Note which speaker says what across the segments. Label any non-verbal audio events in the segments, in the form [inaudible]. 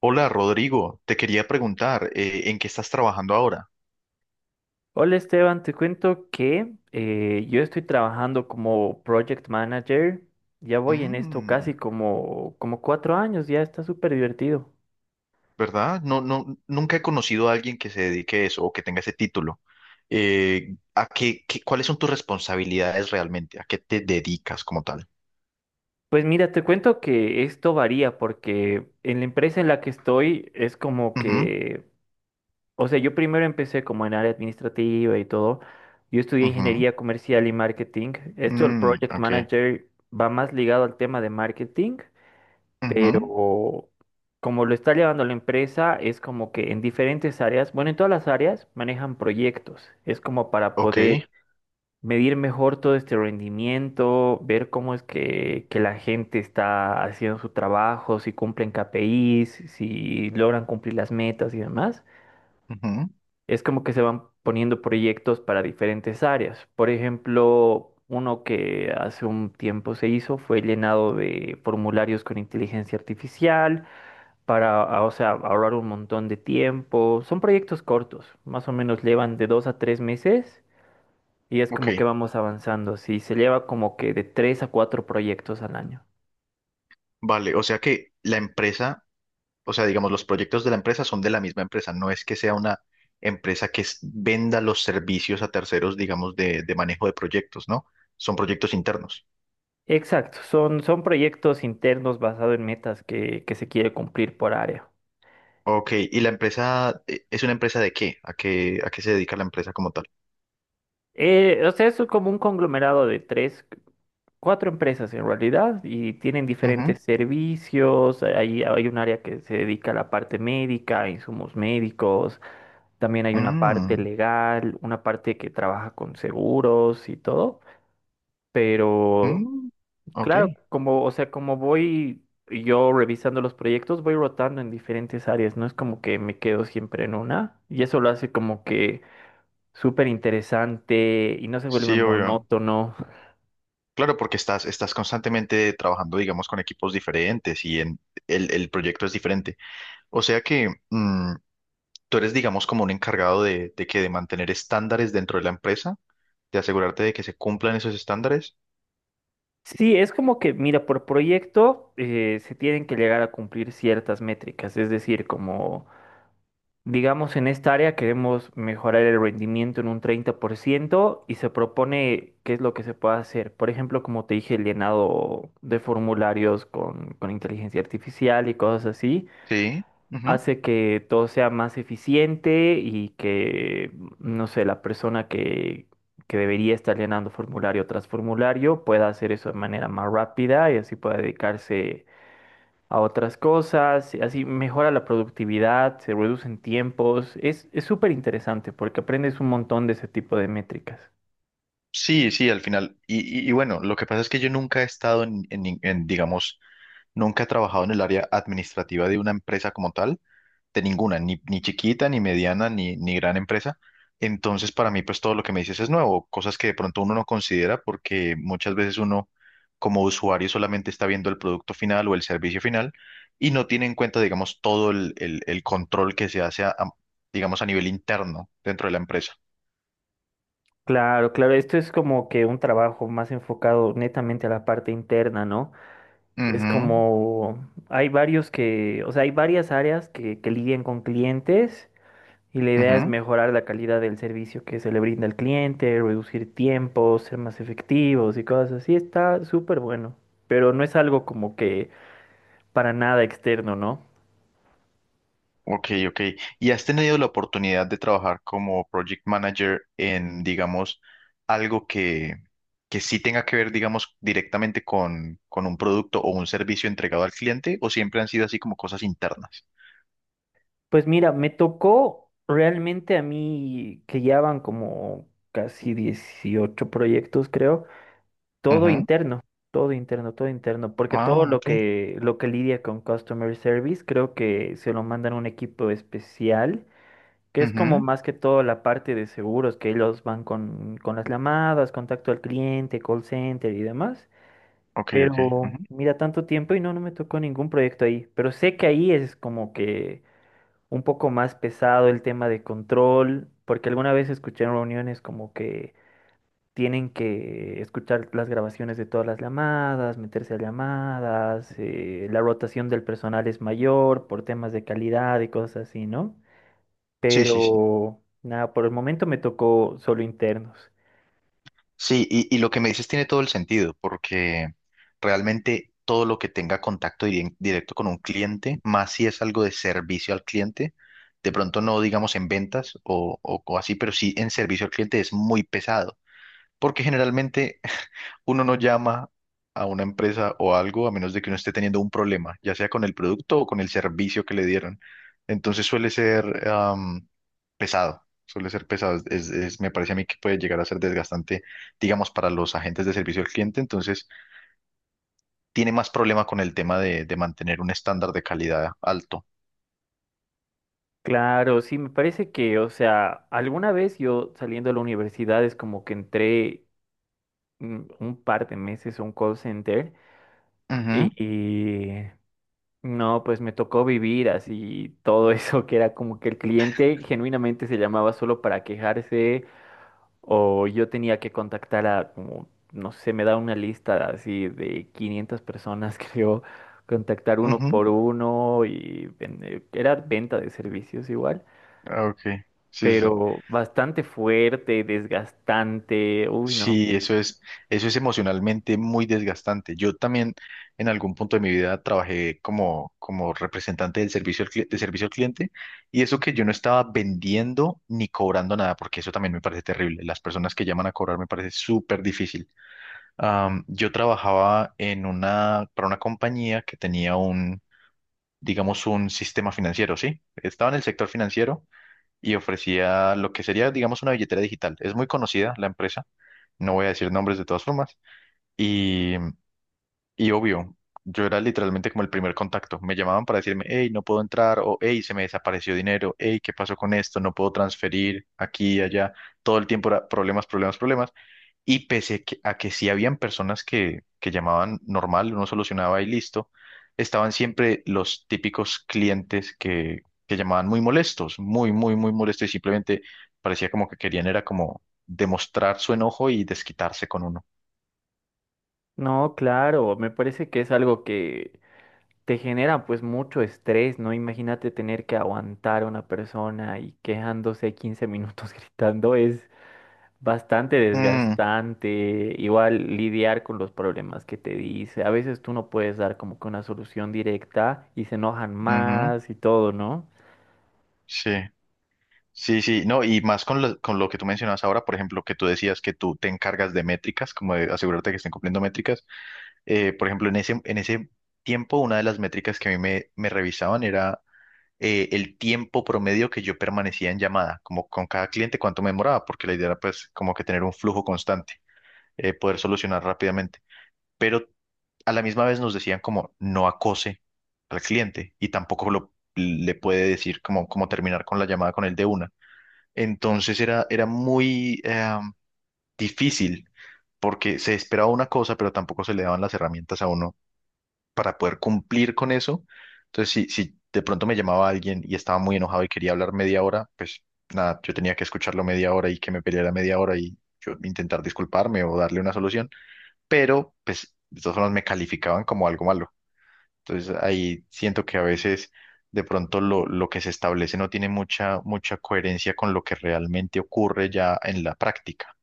Speaker 1: Hola Rodrigo, te quería preguntar, ¿en qué estás trabajando ahora?
Speaker 2: Hola Esteban, te cuento que yo estoy trabajando como project manager. Ya voy en esto
Speaker 1: Mm.
Speaker 2: casi como 4 años, ya está súper divertido.
Speaker 1: ¿Verdad? No, no, nunca he conocido a alguien que se dedique a eso o que tenga ese título. ¿ Cuáles son tus responsabilidades realmente? ¿A qué te dedicas como tal?
Speaker 2: Pues mira, te cuento que esto varía porque en la empresa en la que estoy es como
Speaker 1: Ujú.
Speaker 2: que, o sea, yo primero empecé como en área administrativa y todo. Yo estudié
Speaker 1: Ujú.
Speaker 2: ingeniería comercial y marketing. Esto, el
Speaker 1: Mm.
Speaker 2: project
Speaker 1: Ok.
Speaker 2: manager va más ligado al tema de marketing.
Speaker 1: Ujú.
Speaker 2: Pero como lo está llevando la empresa, es como que en diferentes áreas, bueno, en todas las áreas manejan proyectos. Es como para
Speaker 1: Ok.
Speaker 2: poder medir mejor todo este rendimiento, ver cómo es que la gente está haciendo su trabajo, si cumplen KPIs, si logran cumplir las metas y demás.
Speaker 1: Ujú.
Speaker 2: Es como que se van poniendo proyectos para diferentes áreas. Por ejemplo, uno que hace un tiempo se hizo fue el llenado de formularios con inteligencia artificial, para, o sea, ahorrar un montón de tiempo. Son proyectos cortos, más o menos llevan de 2 a 3 meses y es
Speaker 1: Ok.
Speaker 2: como que vamos avanzando, sí, se lleva como que de tres a cuatro proyectos al año.
Speaker 1: Vale, o sea que la empresa, o sea, digamos, los proyectos de la empresa son de la misma empresa, no es que sea una empresa que venda los servicios a terceros, digamos, de manejo de proyectos, ¿no? Son proyectos internos.
Speaker 2: Exacto, son proyectos internos basados en metas que se quiere cumplir por área.
Speaker 1: Ok, ¿y la empresa es una empresa de qué? ¿A qué se dedica la empresa como tal?
Speaker 2: O sea, eso es como un conglomerado de tres, cuatro empresas en realidad y tienen
Speaker 1: Ujú.
Speaker 2: diferentes servicios. Hay un área que se dedica a la parte médica, a insumos médicos. También hay una parte
Speaker 1: Mm.
Speaker 2: legal, una parte que trabaja con seguros y todo, pero
Speaker 1: Mm. Ok.
Speaker 2: claro, como, o sea, como voy yo revisando los proyectos, voy rotando en diferentes áreas, no es como que me quedo siempre en una, y eso lo hace como que súper interesante y no se vuelve
Speaker 1: Sí, obvio.
Speaker 2: monótono.
Speaker 1: Claro, porque estás constantemente trabajando, digamos, con equipos diferentes y en, el proyecto es diferente. O sea que, tú eres, digamos, como un encargado de mantener estándares dentro de la empresa, de asegurarte de que se cumplan esos estándares.
Speaker 2: Sí, es como que, mira, por proyecto se tienen que llegar a cumplir ciertas métricas, es decir, como digamos, en esta área queremos mejorar el rendimiento en un 30% y se propone qué es lo que se puede hacer. Por ejemplo, como te dije, el llenado de formularios con inteligencia artificial y cosas así,
Speaker 1: Sí. Ujú.
Speaker 2: hace que todo sea más eficiente y que, no sé, la persona que debería estar llenando formulario tras formulario pueda hacer eso de manera más rápida y así pueda dedicarse a otras cosas, y así mejora la productividad, se reducen tiempos, es súper interesante porque aprendes un montón de ese tipo de métricas.
Speaker 1: Sí, sí, al final. Y bueno, lo que pasa es que yo nunca he estado digamos, nunca he trabajado en el área administrativa de una empresa como tal. De ninguna, ni chiquita, ni mediana, ni gran empresa. Entonces, para mí, pues todo lo que me dices es nuevo, cosas que de pronto uno no considera porque muchas veces uno como usuario solamente está viendo el producto final o el servicio final y no tiene en cuenta, digamos, todo el control que se hace, digamos, a nivel interno dentro de la empresa.
Speaker 2: Claro, claro, esto es como que un trabajo más enfocado netamente a la parte interna, ¿no? Es
Speaker 1: Ujú.
Speaker 2: como, hay varios que, o sea, hay varias áreas que lidian con clientes y la idea es
Speaker 1: Ujú.
Speaker 2: mejorar la calidad del servicio que se le brinda al cliente, reducir tiempos, ser más efectivos y cosas así. Está súper bueno, pero no es algo como que para nada externo, ¿no?
Speaker 1: Ok, ok. ¿Y has tenido la oportunidad de trabajar como project manager en, digamos, algo que sí tenga que ver, digamos, directamente con un producto o un servicio entregado al cliente? ¿O siempre han sido así como cosas internas?
Speaker 2: Pues mira, me tocó realmente a mí que ya van como casi 18 proyectos, creo, todo
Speaker 1: Ujú.
Speaker 2: interno, todo interno, todo interno, porque todo
Speaker 1: Ah,
Speaker 2: lo
Speaker 1: ok.
Speaker 2: que lo que lidia con customer service, creo que se lo mandan a un equipo especial, que es como
Speaker 1: Ujú.
Speaker 2: más que todo la parte de seguros, que ellos van con las llamadas, contacto al cliente, call center y demás.
Speaker 1: Ok, ok.
Speaker 2: Pero
Speaker 1: Ujú.
Speaker 2: mira, tanto tiempo y no, no me tocó ningún proyecto ahí. Pero sé que ahí es como que un poco más pesado el tema de control, porque alguna vez escuché en reuniones como que tienen que escuchar las grabaciones de todas las llamadas, meterse a llamadas, la rotación del personal es mayor por temas de calidad y cosas así, ¿no?
Speaker 1: Sí, sí, sí.
Speaker 2: Pero nada, por el momento me tocó solo internos.
Speaker 1: Sí, y lo que me dices tiene todo el sentido, porque realmente todo lo que tenga contacto directo con un cliente, más si es algo de servicio al cliente, de pronto no digamos en ventas o, o así, pero sí en servicio al cliente es muy pesado, porque generalmente uno no llama a una empresa o algo a menos de que uno esté teniendo un problema, ya sea con el producto o con el servicio que le dieron. Entonces suele ser pesado, suele ser pesado. Me parece a mí que puede llegar a ser desgastante, digamos, para los agentes de servicio al cliente. Entonces tiene más problema con el tema de mantener un estándar de calidad alto.
Speaker 2: Claro, sí, me parece que, o sea, alguna vez yo saliendo de la universidad es como que entré un par de meses a un call center
Speaker 1: Ujú.
Speaker 2: y, no, pues me tocó vivir así todo [laughs] eso, que era como que el cliente genuinamente se llamaba solo para quejarse o yo tenía que contactar a como, no sé, me da una lista así de 500 personas, [laughs] creo, contactar uno
Speaker 1: Ujú.
Speaker 2: por uno y era venta de servicios igual,
Speaker 1: Ah, ok, sí, sí. Sí.
Speaker 2: pero bastante fuerte, desgastante, uy, no.
Speaker 1: Sí, eso es emocionalmente muy desgastante. Yo también en algún punto de mi vida trabajé como representante del servicio al, cli- de servicio al cliente, y eso que yo no estaba vendiendo ni cobrando nada, porque eso también me parece terrible. Las personas que llaman a cobrar me parece súper difícil. Yo trabajaba para una compañía que tenía digamos, un sistema financiero, ¿sí? Estaba en el sector financiero y ofrecía lo que sería, digamos, una billetera digital. Es muy conocida la empresa, no voy a decir nombres de todas formas. Y, y obvio, yo era literalmente como el primer contacto. Me llamaban para decirme: hey, no puedo entrar, o hey, se me desapareció dinero, hey, ¿qué pasó con esto? No puedo transferir aquí y allá. Todo el tiempo era problemas, problemas, problemas. Y a que sí habían personas que, llamaban normal, uno solucionaba y listo, estaban siempre los típicos clientes que llamaban muy molestos, muy, muy, muy molestos y simplemente parecía como que querían era como demostrar su enojo y desquitarse con uno.
Speaker 2: No, claro, me parece que es algo que te genera pues mucho estrés, ¿no? Imagínate tener que aguantar a una persona y quejándose 15 minutos [laughs] gritando es bastante
Speaker 1: Mm.
Speaker 2: desgastante. Igual lidiar con los problemas que te dice. A veces tú no puedes dar como que una solución directa y se enojan
Speaker 1: Ujú.
Speaker 2: más y todo, ¿no?
Speaker 1: Sí, sí, sí, no, y más con lo que tú mencionabas ahora, por ejemplo, que tú decías que tú te encargas de métricas, como de asegurarte que estén cumpliendo métricas. Por ejemplo, en ese tiempo, una de las métricas que a mí me revisaban era el tiempo promedio que yo permanecía en llamada, como con cada cliente, cuánto me demoraba, porque la idea era pues como que tener un flujo constante, poder solucionar rápidamente. Pero a la misma vez nos decían como no acose al cliente y tampoco le puede decir como terminar con la llamada con él de una. Entonces era muy difícil porque se esperaba una cosa, pero tampoco se le daban las herramientas a uno para poder cumplir con eso. Entonces, si de pronto me llamaba alguien y estaba muy enojado y quería hablar media hora, pues nada, yo tenía que escucharlo media hora y que me peleara media hora y yo intentar disculparme o darle una solución, pero pues de todas formas me calificaban como algo malo. Entonces ahí siento que a veces de pronto lo que se establece no tiene mucha, mucha coherencia con lo que realmente ocurre ya en la práctica.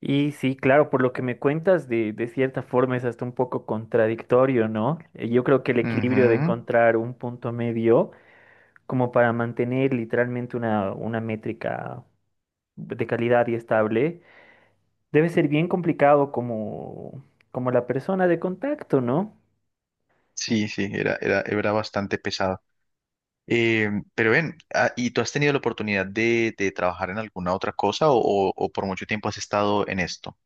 Speaker 2: Y sí, claro, por lo que me cuentas, de cierta forma es hasta un poco contradictorio, ¿no? Yo creo que el equilibrio de
Speaker 1: Ujú.
Speaker 2: encontrar un punto medio como para mantener literalmente una métrica de calidad y estable, debe ser bien complicado como, como la persona de contacto, ¿no?
Speaker 1: Sí, sí, era bastante pesado. Pero ven, ¿y tú has tenido la oportunidad de trabajar en alguna otra cosa o, o por mucho tiempo has estado en esto?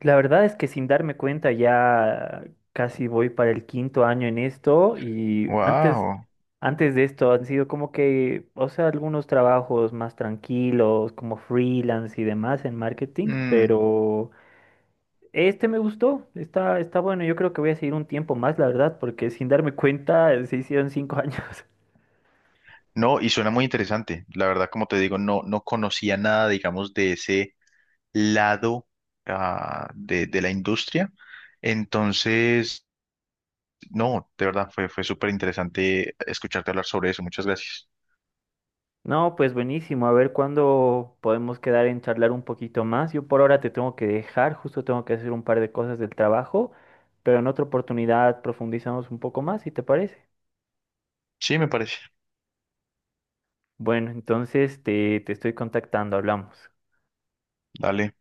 Speaker 2: La verdad es que sin darme cuenta ya casi voy para el quinto año en esto y antes,
Speaker 1: Wow.
Speaker 2: antes de esto han sido como que, o sea, algunos trabajos más tranquilos, como freelance y demás en marketing,
Speaker 1: Mm.
Speaker 2: pero este me gustó, está bueno, yo creo que voy a seguir un tiempo más, la verdad, porque sin darme cuenta se hicieron cinco [laughs] años.
Speaker 1: No, y suena muy interesante. La verdad, como te digo, no, no conocía nada, digamos, de ese lado, de la industria. Entonces, no, de verdad fue súper interesante escucharte hablar sobre eso. Muchas gracias.
Speaker 2: No, pues buenísimo. A ver cuándo podemos quedar en charlar un poquito más. Yo por ahora te tengo que dejar, justo tengo que hacer un par de cosas del trabajo, pero en otra oportunidad profundizamos un poco más, si te parece.
Speaker 1: Sí, me parece.
Speaker 2: Bueno, entonces te estoy contactando, hablamos.
Speaker 1: Dale.